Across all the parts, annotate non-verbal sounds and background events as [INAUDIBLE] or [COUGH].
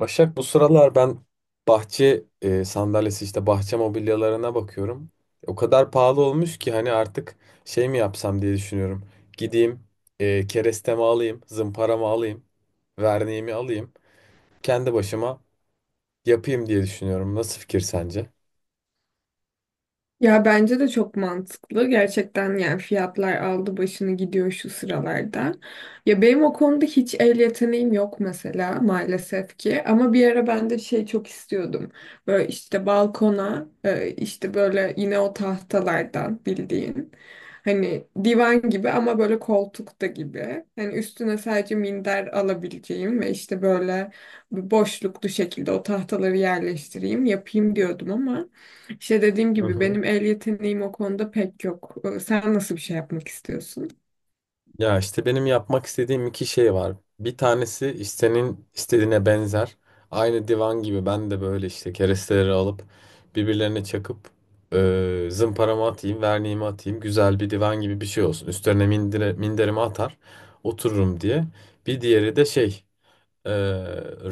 Başak, bu sıralar ben bahçe sandalyesi, işte bahçe mobilyalarına bakıyorum. O kadar pahalı olmuş ki hani artık şey mi yapsam diye düşünüyorum. Gideyim, kerestemi alayım, zımparamı alayım, verniğimi alayım. Kendi başıma yapayım diye düşünüyorum. Nasıl fikir sence? Ya bence de çok mantıklı. Gerçekten yani fiyatlar aldı başını gidiyor şu sıralarda. Ya benim o konuda hiç el yeteneğim yok mesela maalesef ki. Ama bir ara ben de şey çok istiyordum. Böyle işte balkona işte böyle yine o tahtalardan bildiğin. Hani divan gibi ama böyle koltukta gibi. Hani üstüne sadece minder alabileceğim ve işte böyle boşluklu şekilde o tahtaları yerleştireyim yapayım diyordum ama işte dediğim Hı gibi hı. benim el yeteneğim o konuda pek yok. Sen nasıl bir şey yapmak istiyorsun? Ya işte benim yapmak istediğim iki şey var. Bir tanesi işte senin istediğine benzer. Aynı divan gibi ben de böyle işte keresteleri alıp birbirlerine çakıp zımparamı atayım, verniğimi atayım. Güzel bir divan gibi bir şey olsun. Üstlerine minderimi atar, otururum diye. Bir diğeri de şey, e,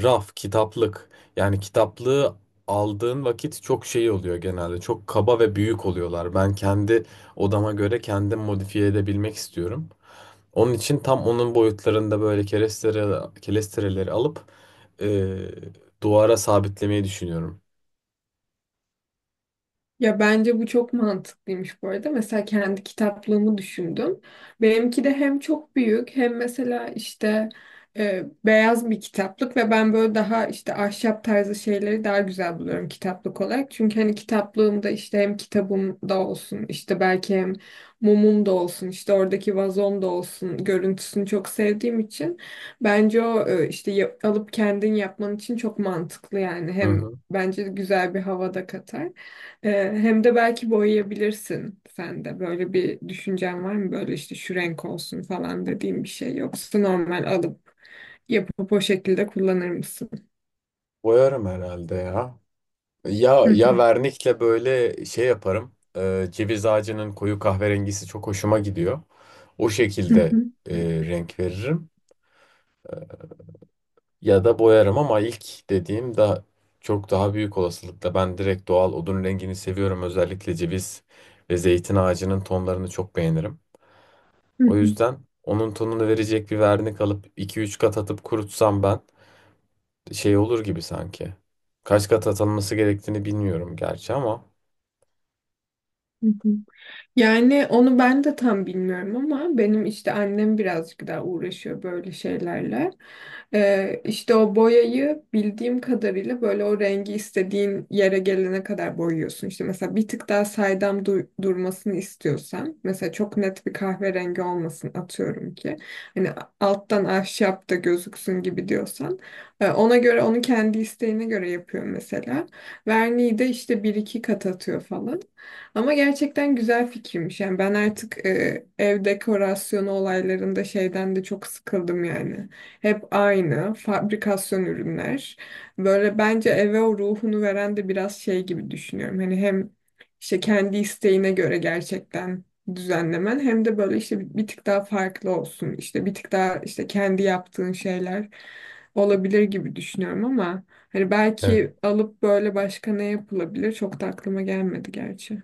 raf, kitaplık. Yani kitaplığı aldığın vakit çok şey oluyor genelde. Çok kaba ve büyük oluyorlar. Ben kendi odama göre kendim modifiye edebilmek istiyorum. Onun için tam onun boyutlarında böyle kerestereleri alıp eee, duvara sabitlemeyi düşünüyorum. Ya bence bu çok mantıklıymış bu arada. Mesela kendi kitaplığımı düşündüm. Benimki de hem çok büyük hem mesela işte beyaz bir kitaplık ve ben böyle daha işte ahşap tarzı şeyleri daha güzel buluyorum kitaplık olarak. Çünkü hani kitaplığımda işte hem kitabım da olsun işte belki hem mumum da olsun işte oradaki vazom da olsun görüntüsünü çok sevdiğim için bence o işte alıp kendin yapman için çok mantıklı yani Hı hem hı. bence güzel bir havada katar. Hem de belki boyayabilirsin sen de. Böyle bir düşüncen var mı? Böyle işte şu renk olsun falan dediğim bir şey. Yoksa normal alıp yapıp o şekilde kullanır mısın? Boyarım herhalde ya. Ya ya vernikle böyle şey yaparım. Ceviz ağacının koyu kahverengisi çok hoşuma gidiyor. O şekilde renk veririm. Ya da boyarım ama ilk dediğim daha çok daha büyük olasılıkla ben direkt doğal odun rengini seviyorum. Özellikle ceviz ve zeytin ağacının tonlarını çok beğenirim. O yüzden onun tonunu verecek bir vernik alıp iki üç kat atıp kurutsam ben şey olur gibi sanki. Kaç kat atılması gerektiğini bilmiyorum gerçi ama [LAUGHS] Yani onu ben de tam bilmiyorum ama benim işte annem birazcık daha uğraşıyor böyle şeylerle. İşte o boyayı bildiğim kadarıyla böyle o rengi istediğin yere gelene kadar boyuyorsun. İşte mesela bir tık daha saydam durmasını istiyorsan mesela çok net bir kahverengi olmasın atıyorum ki. Hani alttan ahşap da gözüksün gibi diyorsan. Ona göre onu kendi isteğine göre yapıyor mesela. Verniği de işte bir iki kat atıyor falan. Ama gerçekten güzel fikirmiş. Yani ben artık ev dekorasyonu olaylarında şeyden de çok sıkıldım yani. Hep aynı fabrikasyon ürünler. Böyle bence eve o ruhunu veren de biraz şey gibi düşünüyorum. Hani hem işte kendi isteğine göre gerçekten düzenlemen hem de böyle işte bir tık daha farklı olsun. İşte bir tık daha işte kendi yaptığın şeyler olabilir gibi düşünüyorum ama hani evet. belki alıp böyle başka ne yapılabilir çok da aklıma gelmedi gerçi.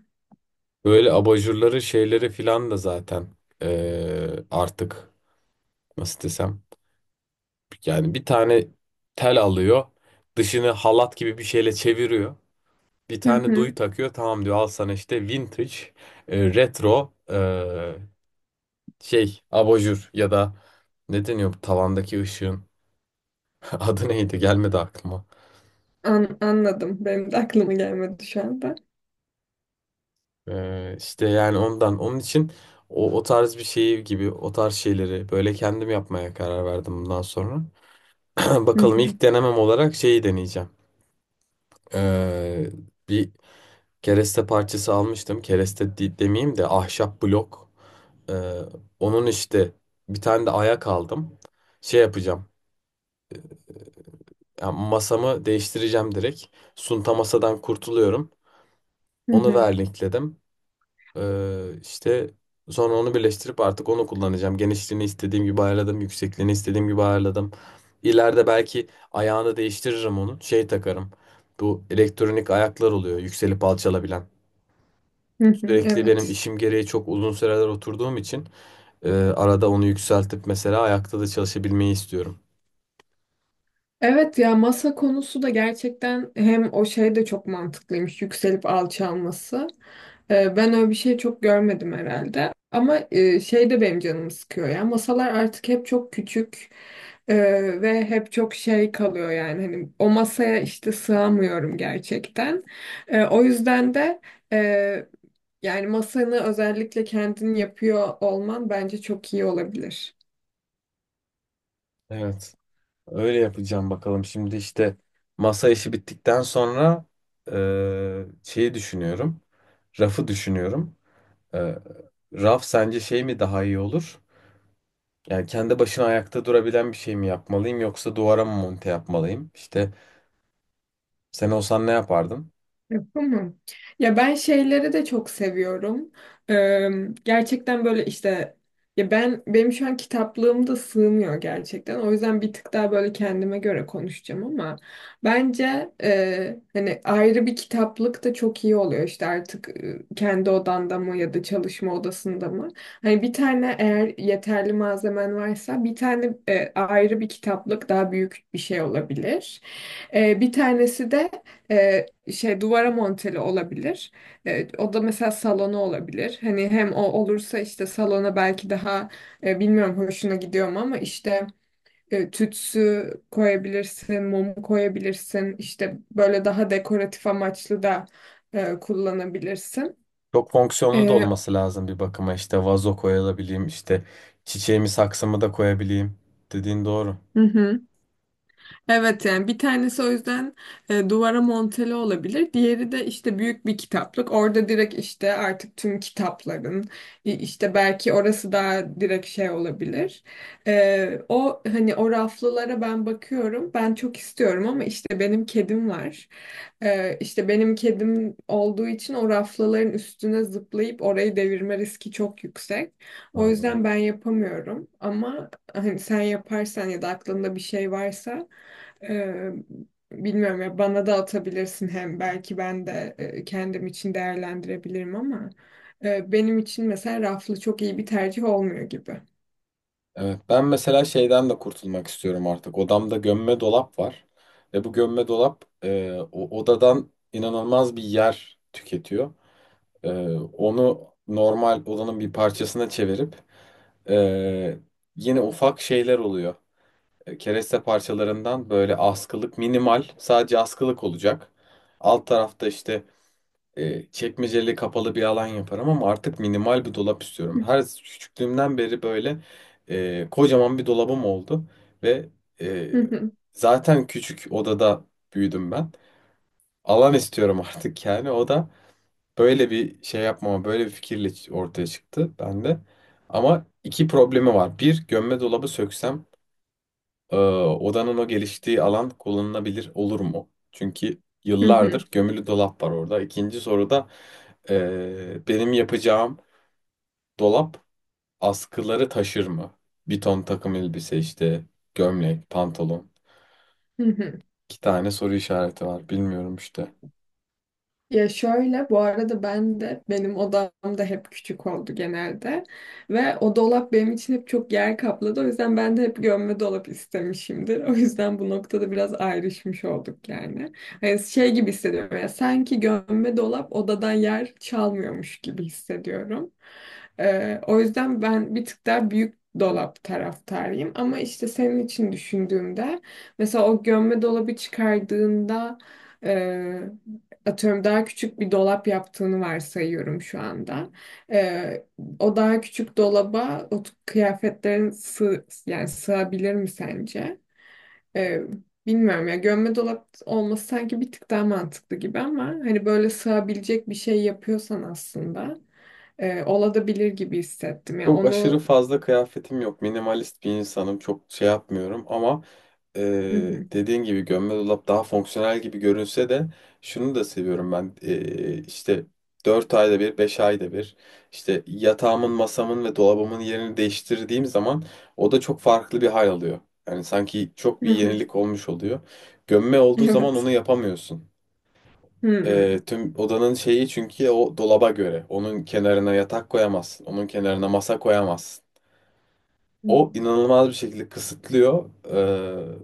Böyle abajurları şeyleri filan da zaten artık nasıl desem, yani bir tane tel alıyor, dışını halat gibi bir şeyle çeviriyor. Bir Hı tane duyu hı. takıyor, tamam diyor, al sana işte vintage, retro, şey abajur ya da ne deniyor bu tavandaki ışığın [LAUGHS] adı neydi? Gelmedi aklıma. Anladım. Benim de aklıma gelmedi şu anda. İşte yani ondan. Onun için o tarz bir şey gibi, o tarz şeyleri böyle kendim yapmaya karar verdim bundan sonra. [CLEARS THROAT] Hı Bakalım, hı. ilk denemem olarak şeyi deneyeceğim. Ee, Bir kereste parçası almıştım. Demeyeyim de ahşap blok. Ee, Onun işte bir tane de ayak aldım. Şey yapacağım. Yani masamı değiştireceğim direkt. Sunta masadan kurtuluyorum. Hı Onu hı. vernikledim. İşte sonra onu birleştirip artık onu kullanacağım. Genişliğini istediğim gibi ayarladım. Yüksekliğini istediğim gibi ayarladım. İleride belki ayağını değiştiririm onun. Şey takarım. Bu elektronik ayaklar oluyor. Yükselip alçalabilen. Hı hı. Sürekli benim Evet. işim gereği çok uzun süreler oturduğum için arada onu yükseltip mesela ayakta da çalışabilmeyi istiyorum. Evet ya masa konusu da gerçekten hem o şey de çok mantıklıymış yükselip alçalması. Ben öyle bir şey çok görmedim herhalde. Ama şey de benim canımı sıkıyor ya. Masalar artık hep çok küçük e, ve hep çok şey kalıyor yani. Hani o masaya işte sığamıyorum gerçekten. O yüzden de. Yani masanı özellikle kendin yapıyor olman bence çok iyi olabilir. Evet. Öyle yapacağım bakalım. Şimdi işte masa işi bittikten sonra şeyi düşünüyorum. Rafı düşünüyorum. Ee, Raf sence şey mi daha iyi olur? Yani kendi başına ayakta durabilen bir şey mi yapmalıyım, yoksa duvara mı monte yapmalıyım? İşte sen olsan ne yapardın? Yapamam. Ya ben şeyleri de çok seviyorum. Ee, Gerçekten böyle işte ya ben benim şu an kitaplığım da sığmıyor gerçekten. O yüzden bir tık daha böyle kendime göre konuşacağım ama bence hani ayrı bir kitaplık da çok iyi oluyor. İşte artık kendi odanda mı ya da çalışma odasında mı? Hani bir tane eğer yeterli malzemen varsa bir tane ayrı bir kitaplık daha büyük bir şey olabilir. Bir tanesi de e, şey duvara monteli olabilir. O da mesela salona olabilir. Hani hem o olursa işte salona belki daha bilmiyorum hoşuna gidiyor mu ama işte tütsü koyabilirsin, mum koyabilirsin. İşte böyle daha dekoratif amaçlı da kullanabilirsin. Çok fonksiyonlu da E, olması lazım bir bakıma. İşte vazo koyabileyim, işte çiçeğimi saksımı da koyabileyim. Dediğin doğru. hı hı. Evet yani bir tanesi o yüzden duvara monteli olabilir. Diğeri de işte büyük bir kitaplık. Orada direkt işte artık tüm kitapların işte belki orası daha direkt şey olabilir. O hani o raflılara ben bakıyorum. Ben çok istiyorum ama işte benim kedim var. İşte benim kedim olduğu için o raflıların üstüne zıplayıp orayı devirme riski çok yüksek. O Hmm. yüzden ben yapamıyorum ama hani sen yaparsan ya da aklında bir şey varsa ee, bilmiyorum ya bana da atabilirsin hem belki ben de kendim için değerlendirebilirim ama benim için mesela raflı çok iyi bir tercih olmuyor gibi. Evet, ben mesela şeyden de kurtulmak istiyorum artık. Odamda gömme dolap var ve bu gömme dolap, o odadan inanılmaz bir yer tüketiyor. Ee, Onu normal odanın bir parçasına çevirip ee, yine ufak şeyler oluyor. Kereste parçalarından böyle askılık, minimal, sadece askılık olacak. Alt tarafta işte çekmeceli kapalı bir alan yaparım ama artık minimal bir dolap istiyorum. Her küçüklüğümden beri böyle kocaman bir dolabım oldu ve ee, Hı hı, zaten küçük odada büyüdüm ben. Alan istiyorum [LAUGHS] artık, yani o da böyle bir şey yapmama, böyle bir fikirle ortaya çıktı bende. Ama iki problemi var. Bir, gömme dolabı söksem odanın o geliştiği alan kullanılabilir olur mu? Çünkü hı hı, yıllardır gömülü dolap var orada. İkinci soruda benim yapacağım dolap askıları taşır mı? Bir ton takım elbise işte, gömlek, pantolon. hı hı. İki tane soru işareti var. Bilmiyorum işte. Ya şöyle, bu arada ben de benim odam da hep küçük oldu genelde ve o dolap benim için hep çok yer kapladı. O yüzden ben de hep gömme dolap istemişimdir. O yüzden bu noktada biraz ayrışmış olduk yani. Hani şey gibi hissediyorum ya sanki gömme dolap odadan yer çalmıyormuş gibi hissediyorum. O yüzden ben bir tık daha büyük dolap taraftarıyım ama işte senin için düşündüğümde mesela o gömme dolabı çıkardığında atıyorum daha küçük bir dolap yaptığını varsayıyorum şu anda. Ee, O daha küçük dolaba o kıyafetlerin yani sığabilir mi sence? Ee, Bilmiyorum ya gömme dolap olması sanki bir tık daha mantıklı gibi ama hani böyle sığabilecek bir şey yapıyorsan aslında olabilir gibi hissettim ya Çok aşırı onu. fazla kıyafetim yok. Minimalist bir insanım. Çok şey yapmıyorum ama e, Hı hı. dediğin gibi gömme dolap daha fonksiyonel gibi görünse de şunu da seviyorum ben. E, işte 4 ayda bir, 5 ayda bir, işte yatağımın, masamın ve dolabımın yerini değiştirdiğim zaman o da çok farklı bir hal alıyor. Yani sanki çok [LAUGHS] bir Hı hı. yenilik olmuş oluyor. Gömme olduğu zaman Evet. onu yapamıyorsun. Hı E, tüm odanın şeyi çünkü o dolaba göre. Onun kenarına yatak koyamazsın. Onun kenarına masa koyamazsın. hı. O inanılmaz bir şekilde kısıtlıyor.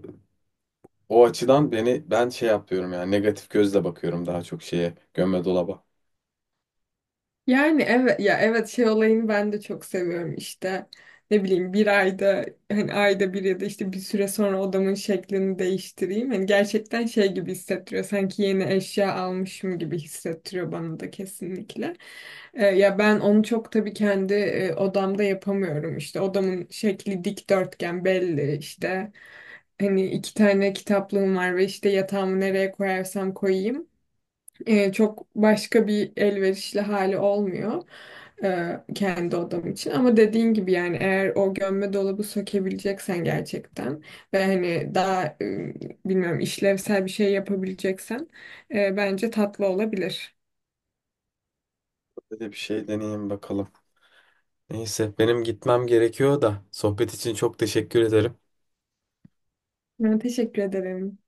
O açıdan beni ben şey yapıyorum, yani negatif gözle bakıyorum daha çok şeye, gömme dolaba. Yani evet ya evet şey olayını ben de çok seviyorum işte ne bileyim bir ayda hani ayda bir ya da işte bir süre sonra odamın şeklini değiştireyim. Hani gerçekten şey gibi hissettiriyor sanki yeni eşya almışım gibi hissettiriyor bana da kesinlikle. Ya ben onu çok tabii kendi odamda yapamıyorum işte odamın şekli dikdörtgen belli işte hani iki tane kitaplığım var ve işte yatağımı nereye koyarsam koyayım çok başka bir elverişli hali olmuyor kendi odam için. Ama dediğin gibi yani eğer o gömme dolabı sökebileceksen gerçekten ve hani daha bilmiyorum işlevsel bir şey yapabileceksen bence tatlı olabilir. Böyle bir şey deneyeyim bakalım. Neyse, benim gitmem gerekiyor da sohbet için çok teşekkür ederim. Ben teşekkür ederim.